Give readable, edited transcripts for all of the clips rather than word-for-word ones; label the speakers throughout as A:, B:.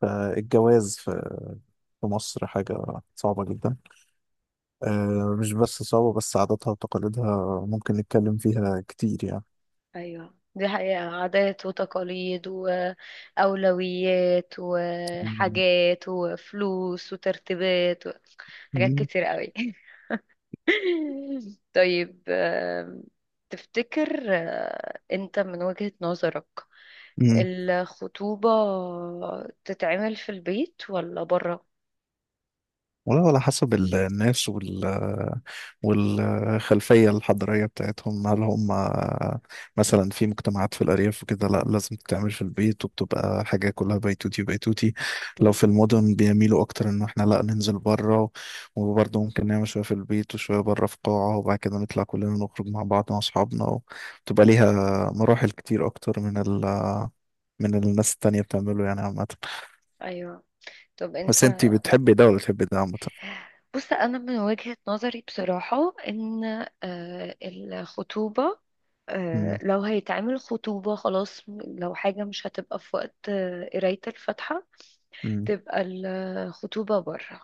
A: فالجواز في مصر حاجة صعبة جدا. مش بس صعبة، بس عاداتها وتقاليدها ممكن نتكلم فيها كتير يعني.
B: ايوه، دي حقيقة. عادات وتقاليد وأولويات
A: مم.
B: وحاجات وفلوس وترتيبات حاجات كتير قوي. طيب، تفتكر، انت من وجهة نظرك
A: مم.
B: الخطوبة تتعمل في البيت ولا بره؟
A: والله على حسب الناس والخلفية الحضارية بتاعتهم. هل هم مثلا في مجتمعات في الأرياف وكده؟ لا، لازم تتعمل في البيت، وبتبقى حاجة كلها بيتوتي بيتوتي. لو
B: مم.
A: في المدن بيميلوا أكتر إن احنا لا ننزل بره، وبرضه ممكن نعمل شوية في البيت وشوية بره في قاعة، وبعد كده نطلع كلنا نخرج مع بعض مع أصحابنا. بتبقى ليها مراحل كتير أكتر من الناس التانية بتعمله، يعني عامة.
B: ايوه، طب انت.
A: بس انتي بتحبي ده ولا بتحبي ده عامة؟
B: بص، انا من وجهة نظري بصراحة ان الخطوبة،
A: مم،
B: لو هيتعمل خطوبة خلاص، لو حاجة مش هتبقى في وقت قراية الفاتحة،
A: مم،
B: تبقى الخطوبة بره.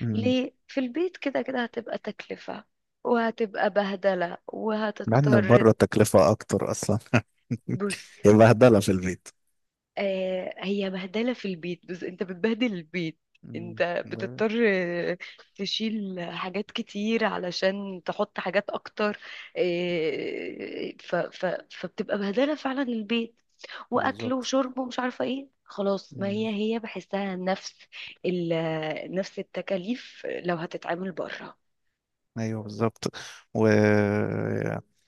A: مم.
B: ليه؟ في البيت كده كده هتبقى تكلفة، وهتبقى بهدلة،
A: مع ان
B: وهتضطر.
A: بره التكلفة اكتر اصلا.
B: بص،
A: هي بهدلة في البيت.
B: هي بهدلة في البيت، بس انت بتبهدل البيت.
A: مم.
B: انت
A: ده.
B: بتضطر تشيل حاجات كتير علشان تحط حاجات اكتر. ف ف فبتبقى بهدلة فعلا البيت، واكل
A: بالظبط.
B: وشرب ومش عارفة ايه، خلاص. ما هي
A: مم.
B: هي بحسها نفس نفس التكاليف لو هتتعامل بره.
A: ايوه بالظبط. وكذا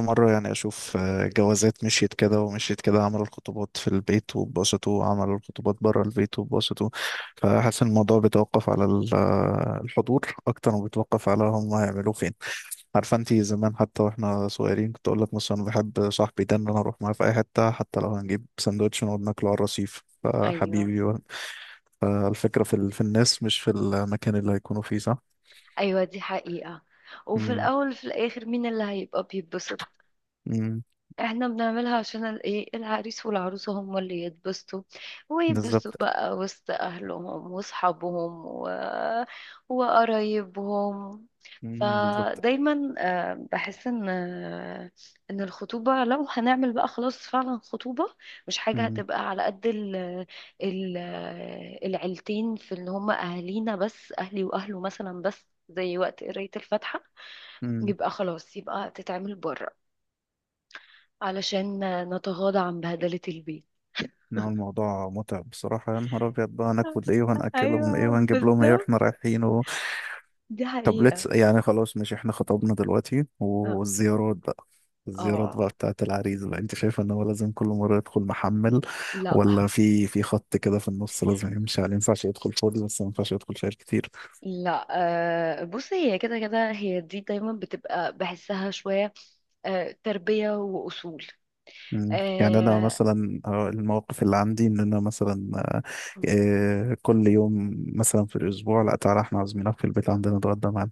A: مرة يعني اشوف، جوازات مشيت كده ومشيت كده، عملوا الخطوبات في البيت واتبسطوا، وعملوا الخطوبات بره البيت واتبسطوا. فحاسس إن الموضوع بيتوقف على الحضور اكتر ما بيتوقف على هم هيعملوه فين. عارفه انت زمان حتى واحنا صغيرين، كنت اقول لك مثلا أنا بحب صاحبي ده، ان انا اروح معاه في اي حته، حتى لو هنجيب سندوتش ونقعد ناكله على الرصيف
B: ايوه،
A: فحبيبي و-. فالفكره في الناس، مش في المكان اللي هيكونوا فيه، صح.
B: ايوه، دي حقيقة. وفي
A: امم.
B: الاول في الاخر، مين اللي هيبقى بيتبسط؟
A: امم
B: احنا بنعملها عشان ايه، العريس والعروسة هم اللي يتبسطوا، ويتبسطوا
A: بالظبط.
B: بقى وسط اهلهم واصحابهم وقرايبهم.
A: بالظبط.
B: فدايما بحس ان ان الخطوبة لو هنعمل بقى خلاص فعلا خطوبة، مش حاجة
A: امم.
B: هتبقى على قد ال... العيلتين، في ان هم اهالينا بس، اهلي واهله مثلا بس، زي وقت قراية الفاتحة
A: امم.
B: يبقى خلاص، يبقى تتعمل بره علشان نتغاضى عن بهدلة البيت.
A: إن هو الموضوع متعب بصراحه، يا نهار ابيض، بقى هناكل ايه وهناكلهم
B: ايوه،
A: ايه وهنجيب لهم ايه
B: بالظبط،
A: واحنا رايحين.
B: دي
A: طب
B: حقيقة.
A: ليتس يعني، خلاص ماشي، احنا خطبنا دلوقتي،
B: اه.
A: والزيارات بقى. الزيارات
B: آه،
A: بقى بتاعت العريس، بقى انت شايف ان هو لازم كل مرة يدخل محمل،
B: لا،
A: ولا في خط كده في النص لازم يمشي عليه؟ ما ينفعش يدخل فاضي بس ما ينفعش يدخل شايل كتير.
B: لا. بصي، هي كده كده، هي دي دايما بتبقى، بحسها شوية تربية وأصول.
A: مم. يعني انا
B: آه،
A: مثلا، المواقف اللي عندي، ان انا مثلا، كل يوم مثلا في الاسبوع، لا تعالى احنا عازمينك في البيت عندنا نتغدى معانا.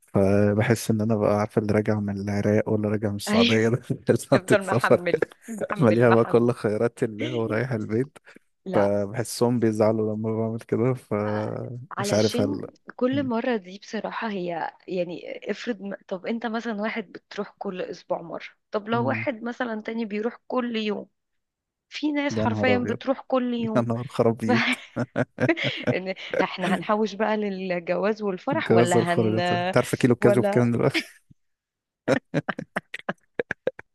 A: فبحس ان انا بقى عارف، اللي راجع من العراق ولا راجع من
B: أيوه.
A: السعوديه ده، بتاعت
B: تفضل
A: السفر،
B: محمل، محمل،
A: مليها بقى
B: محمل.
A: كل خيرات الله ورايح البيت.
B: لا،
A: فبحسهم بيزعلوا لما بعمل كده، فمش عارف
B: علشان
A: هل.
B: كل
A: مم.
B: مرة دي بصراحة هي، يعني افرض، طب انت مثلا واحد بتروح كل اسبوع مرة، طب لو
A: مم.
B: واحد مثلا تاني بيروح كل يوم، في ناس
A: يا نهار
B: حرفيا
A: أبيض!
B: بتروح كل
A: يا
B: يوم.
A: نهار خراب
B: ف
A: بيوت!
B: يعني، احنا هنحوش بقى للجواز والفرح،
A: الجوازة، الخرجات، أنت عارف كيلو الكاجو
B: ولا
A: بكام دلوقتي؟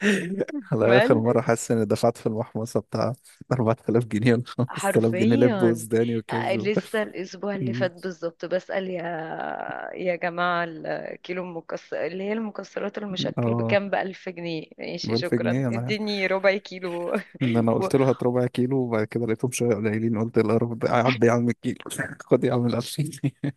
A: على آخر
B: مال،
A: مرة حاسس إني دفعت في المحمصة بتاع 4000 جنيه ولا 5000 جنيه، لب
B: حرفيا.
A: وسوداني وكاجو.
B: لسه الاسبوع اللي
A: مم.
B: فات بالظبط بسأل، يا جماعة، الكيلو المكسر اللي هي المكسرات المشكل
A: اه،
B: بكام؟ ب1000 جنيه؟
A: ب
B: ماشي،
A: 1000
B: شكرا،
A: جنيه أنا.
B: اديني ربع كيلو.
A: إن أنا
B: و
A: قلت له هات ربع كيلو، وبعد كده لقيتهم شوية قليلين، قلت القرف ده، يا عم، يا عم الكيلو، خد يا عم ال 2000 جنيه.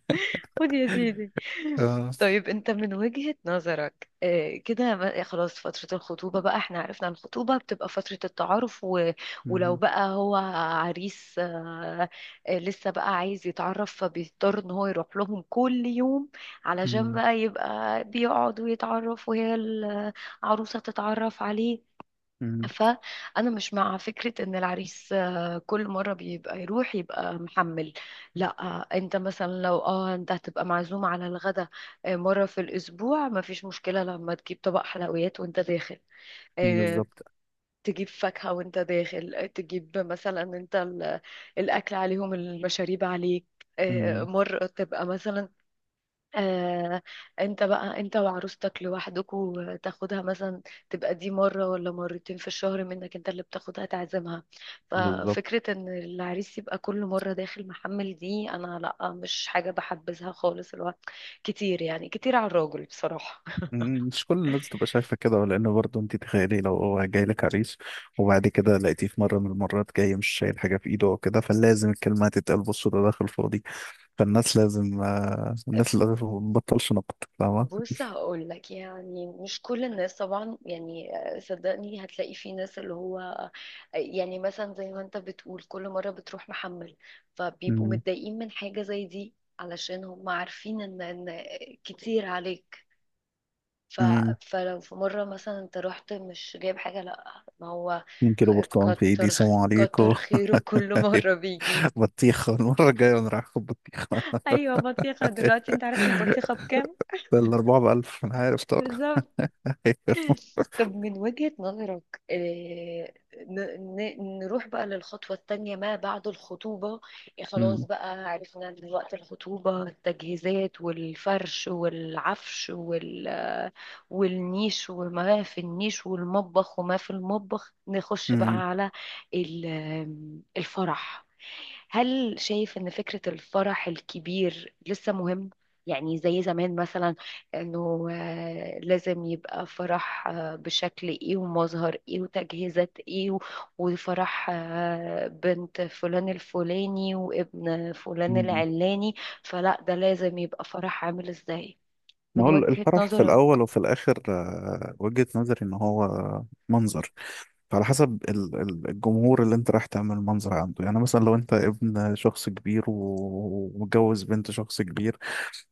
B: خد يا سيدي.
A: اه.
B: طيب، انت من وجهة نظرك، كده، خلاص، فترة الخطوبة بقى احنا عرفنا الخطوبة بتبقى فترة التعارف، ولو
A: مم.
B: بقى هو عريس، لسه بقى عايز يتعرف، فبيضطر ان هو يروح لهم كل يوم علشان
A: مم.
B: بقى يبقى بيقعد ويتعرف، وهي العروسة تتعرف عليه.
A: مم.
B: فأنا مش مع فكرة إن العريس كل مرة بيبقى يروح يبقى محمل. لا، أنت مثلا لو، أنت هتبقى معزوم على الغدا مرة في الأسبوع، مفيش مشكلة لما تجيب طبق حلويات وأنت داخل، آه،
A: بالظبط.
B: تجيب فاكهة وأنت داخل، تجيب مثلا، أنت الأكل عليهم، المشاريب عليك.
A: مم.
B: مرة تبقى مثلا، آه انت بقى، انت وعروستك لوحدكوا تاخدها مثلا، تبقى دي مرة ولا مرتين في الشهر منك انت اللي بتاخدها تعزمها.
A: بالظبط.
B: ففكرة ان العريس يبقى كل مرة داخل محمل دي، انا لا، مش حاجة بحبذها خالص. الوقت كتير، يعني كتير على الراجل بصراحة.
A: مم. مش كل الناس تبقى شايفة كده، لأن برضه أنت تخيلي لو هو جاي لك عريس، وبعد كده لقيتيه في مرة من المرات جاي مش شايل حاجة في إيده أو كده، فلازم الكلمة هتتقال، بصوا ده داخل فاضي. فالناس لازم، الناس لازم ما تبطلش نقد، فاهمة؟
B: بص، هقول لك، يعني مش كل الناس طبعا، يعني صدقني هتلاقي في ناس اللي هو يعني مثلا زي ما انت بتقول كل مرة بتروح محمل، فبيبقوا
A: مم.
B: متضايقين من حاجة زي دي، علشان هم عارفين ان كتير عليك. ف...
A: مم.
B: فلو في مرة مثلا انت رحت مش جايب حاجة، لا، ما هو،
A: 2 كيلو
B: خ-
A: برتقال في إيدي،
B: كتر
A: سلام
B: كتر
A: عليكم.
B: خيره كل مرة بيجيب.
A: بطيخة المرة الجاية أنا رايح آخد بطيخة.
B: ايوه، بطيخه دلوقتي انت عارف البطيخه بكام؟
A: ده الأربعة بألف، أنا عارف طبعا.
B: بالظبط. طب من وجهة نظرك، نروح بقى للخطوة التانية ما بعد الخطوبة. إيه، خلاص
A: مم.
B: بقى عرفنا دلوقتي الخطوبة، التجهيزات والفرش والعفش، والنيش وما في النيش، والمطبخ وما في المطبخ. نخش بقى على الفرح. هل شايف إن فكرة الفرح الكبير لسه مهم؟ يعني زي زمان مثلا، انه لازم يبقى فرح بشكل ايه، ومظهر ايه، وتجهيزات ايه، وفرح بنت فلان الفلاني وابن فلان
A: مم.
B: العلاني، فلا، ده لازم يبقى فرح عامل ازاي
A: ما
B: من
A: هو
B: وجهة
A: الفرح في
B: نظرك؟
A: الأول وفي الآخر، وجهة نظري إن هو منظر. فعلى حسب الجمهور اللي أنت رايح تعمل منظر عنده، يعني مثلا لو أنت ابن شخص كبير و- ومتجوز بنت شخص كبير،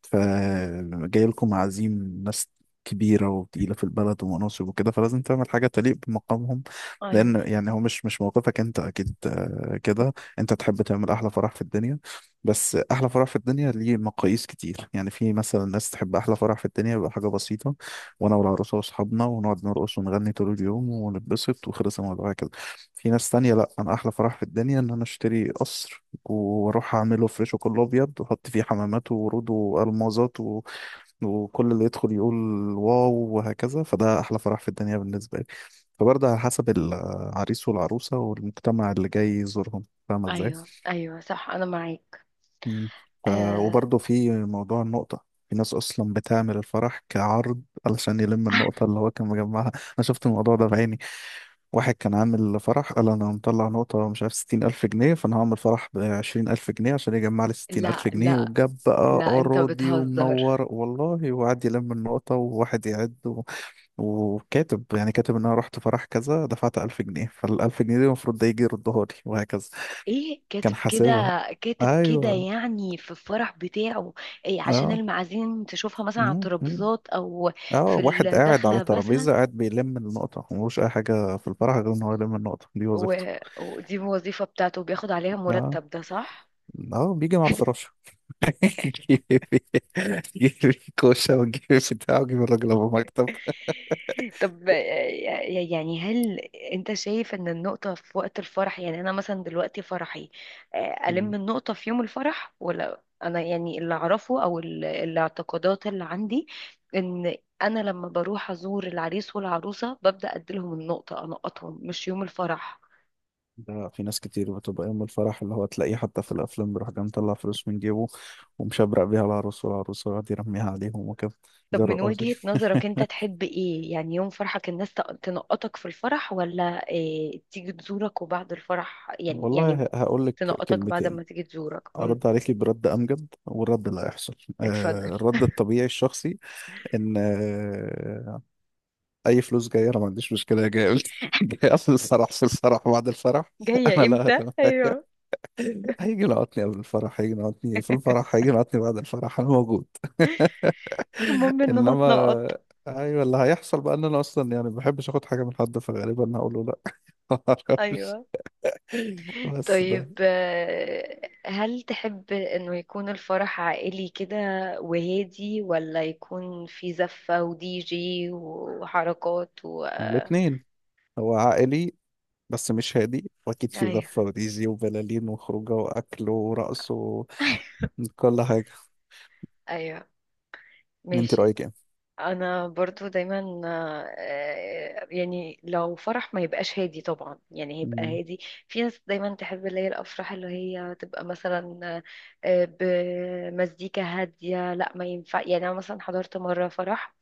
A: فجاي لكم عزيم ناس كبيرة وتقيلة في البلد ومناصب وكده، فلازم تعمل حاجة تليق بمقامهم.
B: ايوه،
A: لأن يعني هو مش موقفك أنت، أكيد كده أنت تحب تعمل أحلى فرح في الدنيا. بس أحلى فرح في الدنيا ليه مقاييس كتير، يعني في مثلا ناس تحب أحلى فرح في الدنيا يبقى حاجة بسيطة، وأنا والعروسة وأصحابنا ونقعد نرقص ونغني طول اليوم ونتبسط، وخلص الموضوع كده. في ناس تانية لأ، أنا أحلى فرح في الدنيا إن أنا أشتري قصر، واروح اعمله فريشه كله ابيض، واحط فيه حمامات وورود والمازات و... وكل اللي يدخل يقول واو، وهكذا، فده احلى فرح في الدنيا بالنسبه لي. فبرضه على حسب العريس والعروسه والمجتمع اللي جاي يزورهم، فاهمه ازاي.
B: ايوه، ايوه، صح، انا معاك.
A: مم. ف...
B: آه
A: وبرضه في موضوع النقطه، في ناس اصلا بتعمل الفرح كعرض علشان يلم النقطه اللي هو كان مجمعها، انا شفت الموضوع ده بعيني. واحد كان عامل فرح، قال انا مطلع نقطة مش عارف 60000 جنيه، فانا هعمل فرح ب20000 جنيه عشان يجمع لي ستين ألف
B: لا،
A: جنيه
B: لا،
A: وجاب بقى
B: لا، انت
A: أراضي ومنور
B: بتهزر.
A: والله، وقعد يلم النقطة وواحد يعد و... وكاتب، يعني كاتب ان انا رحت فرح كذا دفعت 1000 جنيه، فالألف جنيه دي المفروض ده يجي يردها لي، وهكذا،
B: ايه،
A: كان
B: كاتب كده؟
A: حاسبها.
B: كاتب كده
A: ايوه.
B: يعني في الفرح بتاعه؟ إيه، عشان
A: اه.
B: المعازيم تشوفها مثلا على
A: مم، مم.
B: الترابيزات او
A: اه،
B: في
A: واحد قاعد على
B: الدخلة مثلا،
A: ترابيزة قاعد بيلم النقطة، وملوش أي حاجة في الفرح غير إن هو يلم النقطة، دي
B: و...
A: وظيفته.
B: ودي الوظيفة بتاعته، بياخد عليها
A: اه.
B: مرتب، ده صح؟
A: اه، بيجي مع الفراش، جيبي، جيبي كوشة وجيبي بتاع وجيبي الراجل أبو مكتب.
B: طب، يعني هل انت شايف ان النقطة في وقت الفرح، يعني انا مثلا دلوقتي فرحي، الم
A: مم.
B: النقطة في يوم الفرح، ولا انا يعني اللي اعرفه او الاعتقادات اللي عندي ان انا لما بروح ازور العريس والعروسة ببدأ اديلهم النقطة، انقطهم مش يوم الفرح.
A: ده في ناس كتير بتبقى يوم الفرح اللي هو تلاقيه حتى في الأفلام بيروح جاي مطلع فلوس من جيبه، ومشبرق بيها العروس والعروس، ويقعد يرميها عليهم وكده، زي
B: طب من
A: الرقاصة.
B: وجهة نظرك انت تحب ايه؟ يعني يوم فرحك، الناس تنقطك في الفرح، ولا تيجي تزورك وبعد الفرح؟ يعني
A: والله هقول لك
B: تنقطك بعد
A: كلمتين،
B: ما تيجي تزورك.
A: أرد عليكي برد أمجد، والرد اللي هيحصل،
B: اتفضل.
A: الرد الطبيعي الشخصي، إن أي فلوس جاية أنا ما عنديش مشكلة، جاية، جاي قبل الفرح، في الفرح، بعد الفرح، أنا
B: جاية
A: لا،
B: امتى؟
A: تمام.
B: ايوه.
A: هيجي ينعطني قبل الفرح، هيجي ينعطني في الفرح، هيجي ينعطني بعد الفرح، انا موجود.
B: المهم ان انا
A: انما،
B: اتنقط.
A: ايوه، اللي هيحصل بقى ان انا اصلا يعني ما بحبش اخد حاجه من حد، فغالبا هقول له لا. ما اعرفش،
B: ايوه،
A: بس ده.
B: طيب، هل تحب انه يكون الفرح عائلي كده وهادي، ولا يكون في زفة ودي جي وحركات
A: الاثنين. هو عائلي بس مش هادي، واكيد في
B: ايوه.
A: زفه وديزي وبلالين وخروجه واكل ورقص وكل حاجه.
B: ايوه،
A: انت
B: ماشي.
A: رايك ايه؟
B: انا برضو دايما يعني لو فرح ما يبقاش هادي طبعا، يعني هيبقى
A: مم.
B: هادي. في ناس دايما تحب اللي هي الافراح اللي هي تبقى مثلا آه، بمزيكا هاديه، لا، ما ينفع. يعني انا مثلا حضرت مره فرح،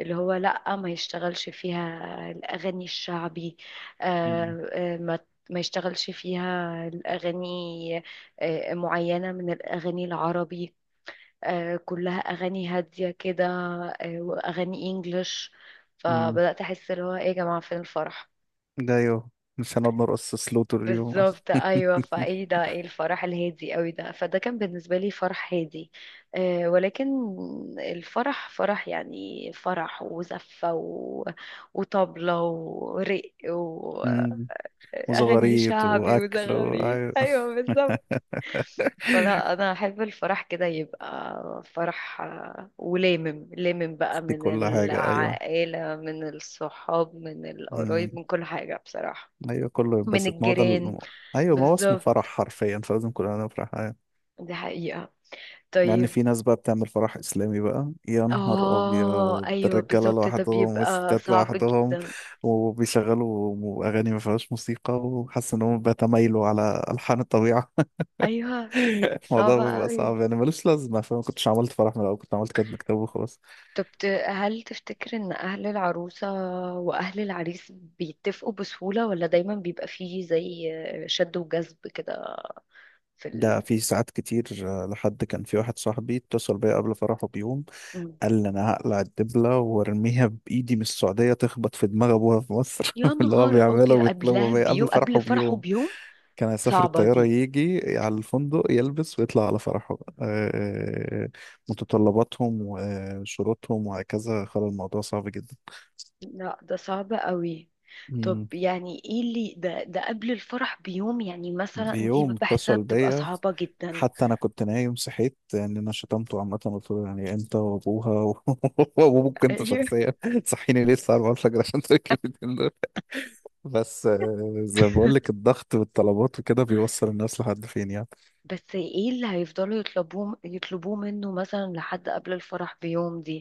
B: اللي هو لا، ما يشتغلش فيها الاغاني الشعبي،
A: مم.
B: آه، آه، ما ما يشتغلش فيها الأغاني، معينة من الأغاني العربي، كلها اغاني هاديه كده، واغاني انجلش.
A: مم.
B: فبدات احس اللي هو ايه، يا جماعه، فين الفرح؟
A: ده ايوه، مش هنقعد نرقص سلو طول اليوم.
B: بالظبط، ايوه. فايه ده، ايه الفرح الهادي قوي ده؟ فده كان بالنسبه لي فرح هادي، ولكن الفرح فرح، يعني فرح وزفه وطبله ورق واغاني
A: مم. وزغاريت
B: شعبي
A: واكل و...
B: وزغاريد، ايوه، بالظبط. فلا، انا احب الفرح كده، يبقى فرح ولامم لامم بقى
A: في
B: من
A: كل حاجة، أيوة.
B: العائلة، من الصحاب، من
A: امم.
B: القرايب، من كل حاجة بصراحة،
A: أيوة كله
B: من
A: ينبسط، ما هو ده
B: الجيران.
A: ال... أيوة، ما هو اسمه فرح
B: بالظبط،
A: حرفيا، فلازم كلنا نفرح. أيوة.
B: دي حقيقة.
A: مع إن
B: طيب.
A: في ناس بقى بتعمل فرح إسلامي بقى، يا نهار أبيض،
B: اه،
A: ده
B: ايوه،
A: الرجالة
B: بالظبط، ده
A: لوحدهم
B: بيبقى
A: والستات
B: صعب
A: لوحدهم،
B: جدا.
A: وبيشغلوا أغاني ما فيهاش موسيقى، وحاسس إن هم بيتمايلوا على ألحان الطبيعة.
B: ايوه، صعب
A: الموضوع بيبقى
B: قوي.
A: صعب يعني، ملوش لازمة، فما كنتش عملت فرح من الأول، كنت عملت كاتب كتاب وخلاص.
B: طب، هل تفتكر ان اهل العروسة واهل العريس بيتفقوا بسهولة، ولا دايما بيبقى فيه زي شد وجذب كده في
A: ده
B: ال...
A: في ساعات كتير، لحد كان في واحد صاحبي اتصل بيا قبل فرحه بيوم،
B: مم.
A: قال لي انا هقلع الدبله وارميها بايدي من السعوديه تخبط في دماغ ابوها في مصر،
B: يا
A: اللي هو
B: نهار
A: بيعمله
B: ابيض،
A: وبيطلبه
B: قبلها
A: بيه قبل
B: بيوم، قبل
A: فرحه
B: فرحه
A: بيوم.
B: بيوم.
A: كان هيسافر
B: صعبة
A: الطياره
B: دي.
A: يجي على الفندق يلبس ويطلع على فرحه. آه، آه، آه، متطلباتهم وشروطهم وهكذا خلى الموضوع صعب جدا.
B: لا، ده صعب قوي.
A: مم.
B: طب، يعني ايه اللي ده قبل الفرح بيوم، يعني مثلا دي
A: بيوم
B: بحسها
A: اتصل
B: بتبقى
A: بيا،
B: صعبة جدا.
A: حتى انا كنت نايم، صحيت يعني، انا شتمته عامه، قلت له يعني انت وابوها و- وابوك انت
B: ايوه،
A: شخصيا، صحيني ليه الساعه 4 الفجر عشان تركب؟ بس زي ما بقول لك الضغط والطلبات وكده بيوصل الناس لحد فين يعني
B: بس ايه اللي هيفضلوا يطلبوه، منه مثلا لحد قبل الفرح بيوم دي؟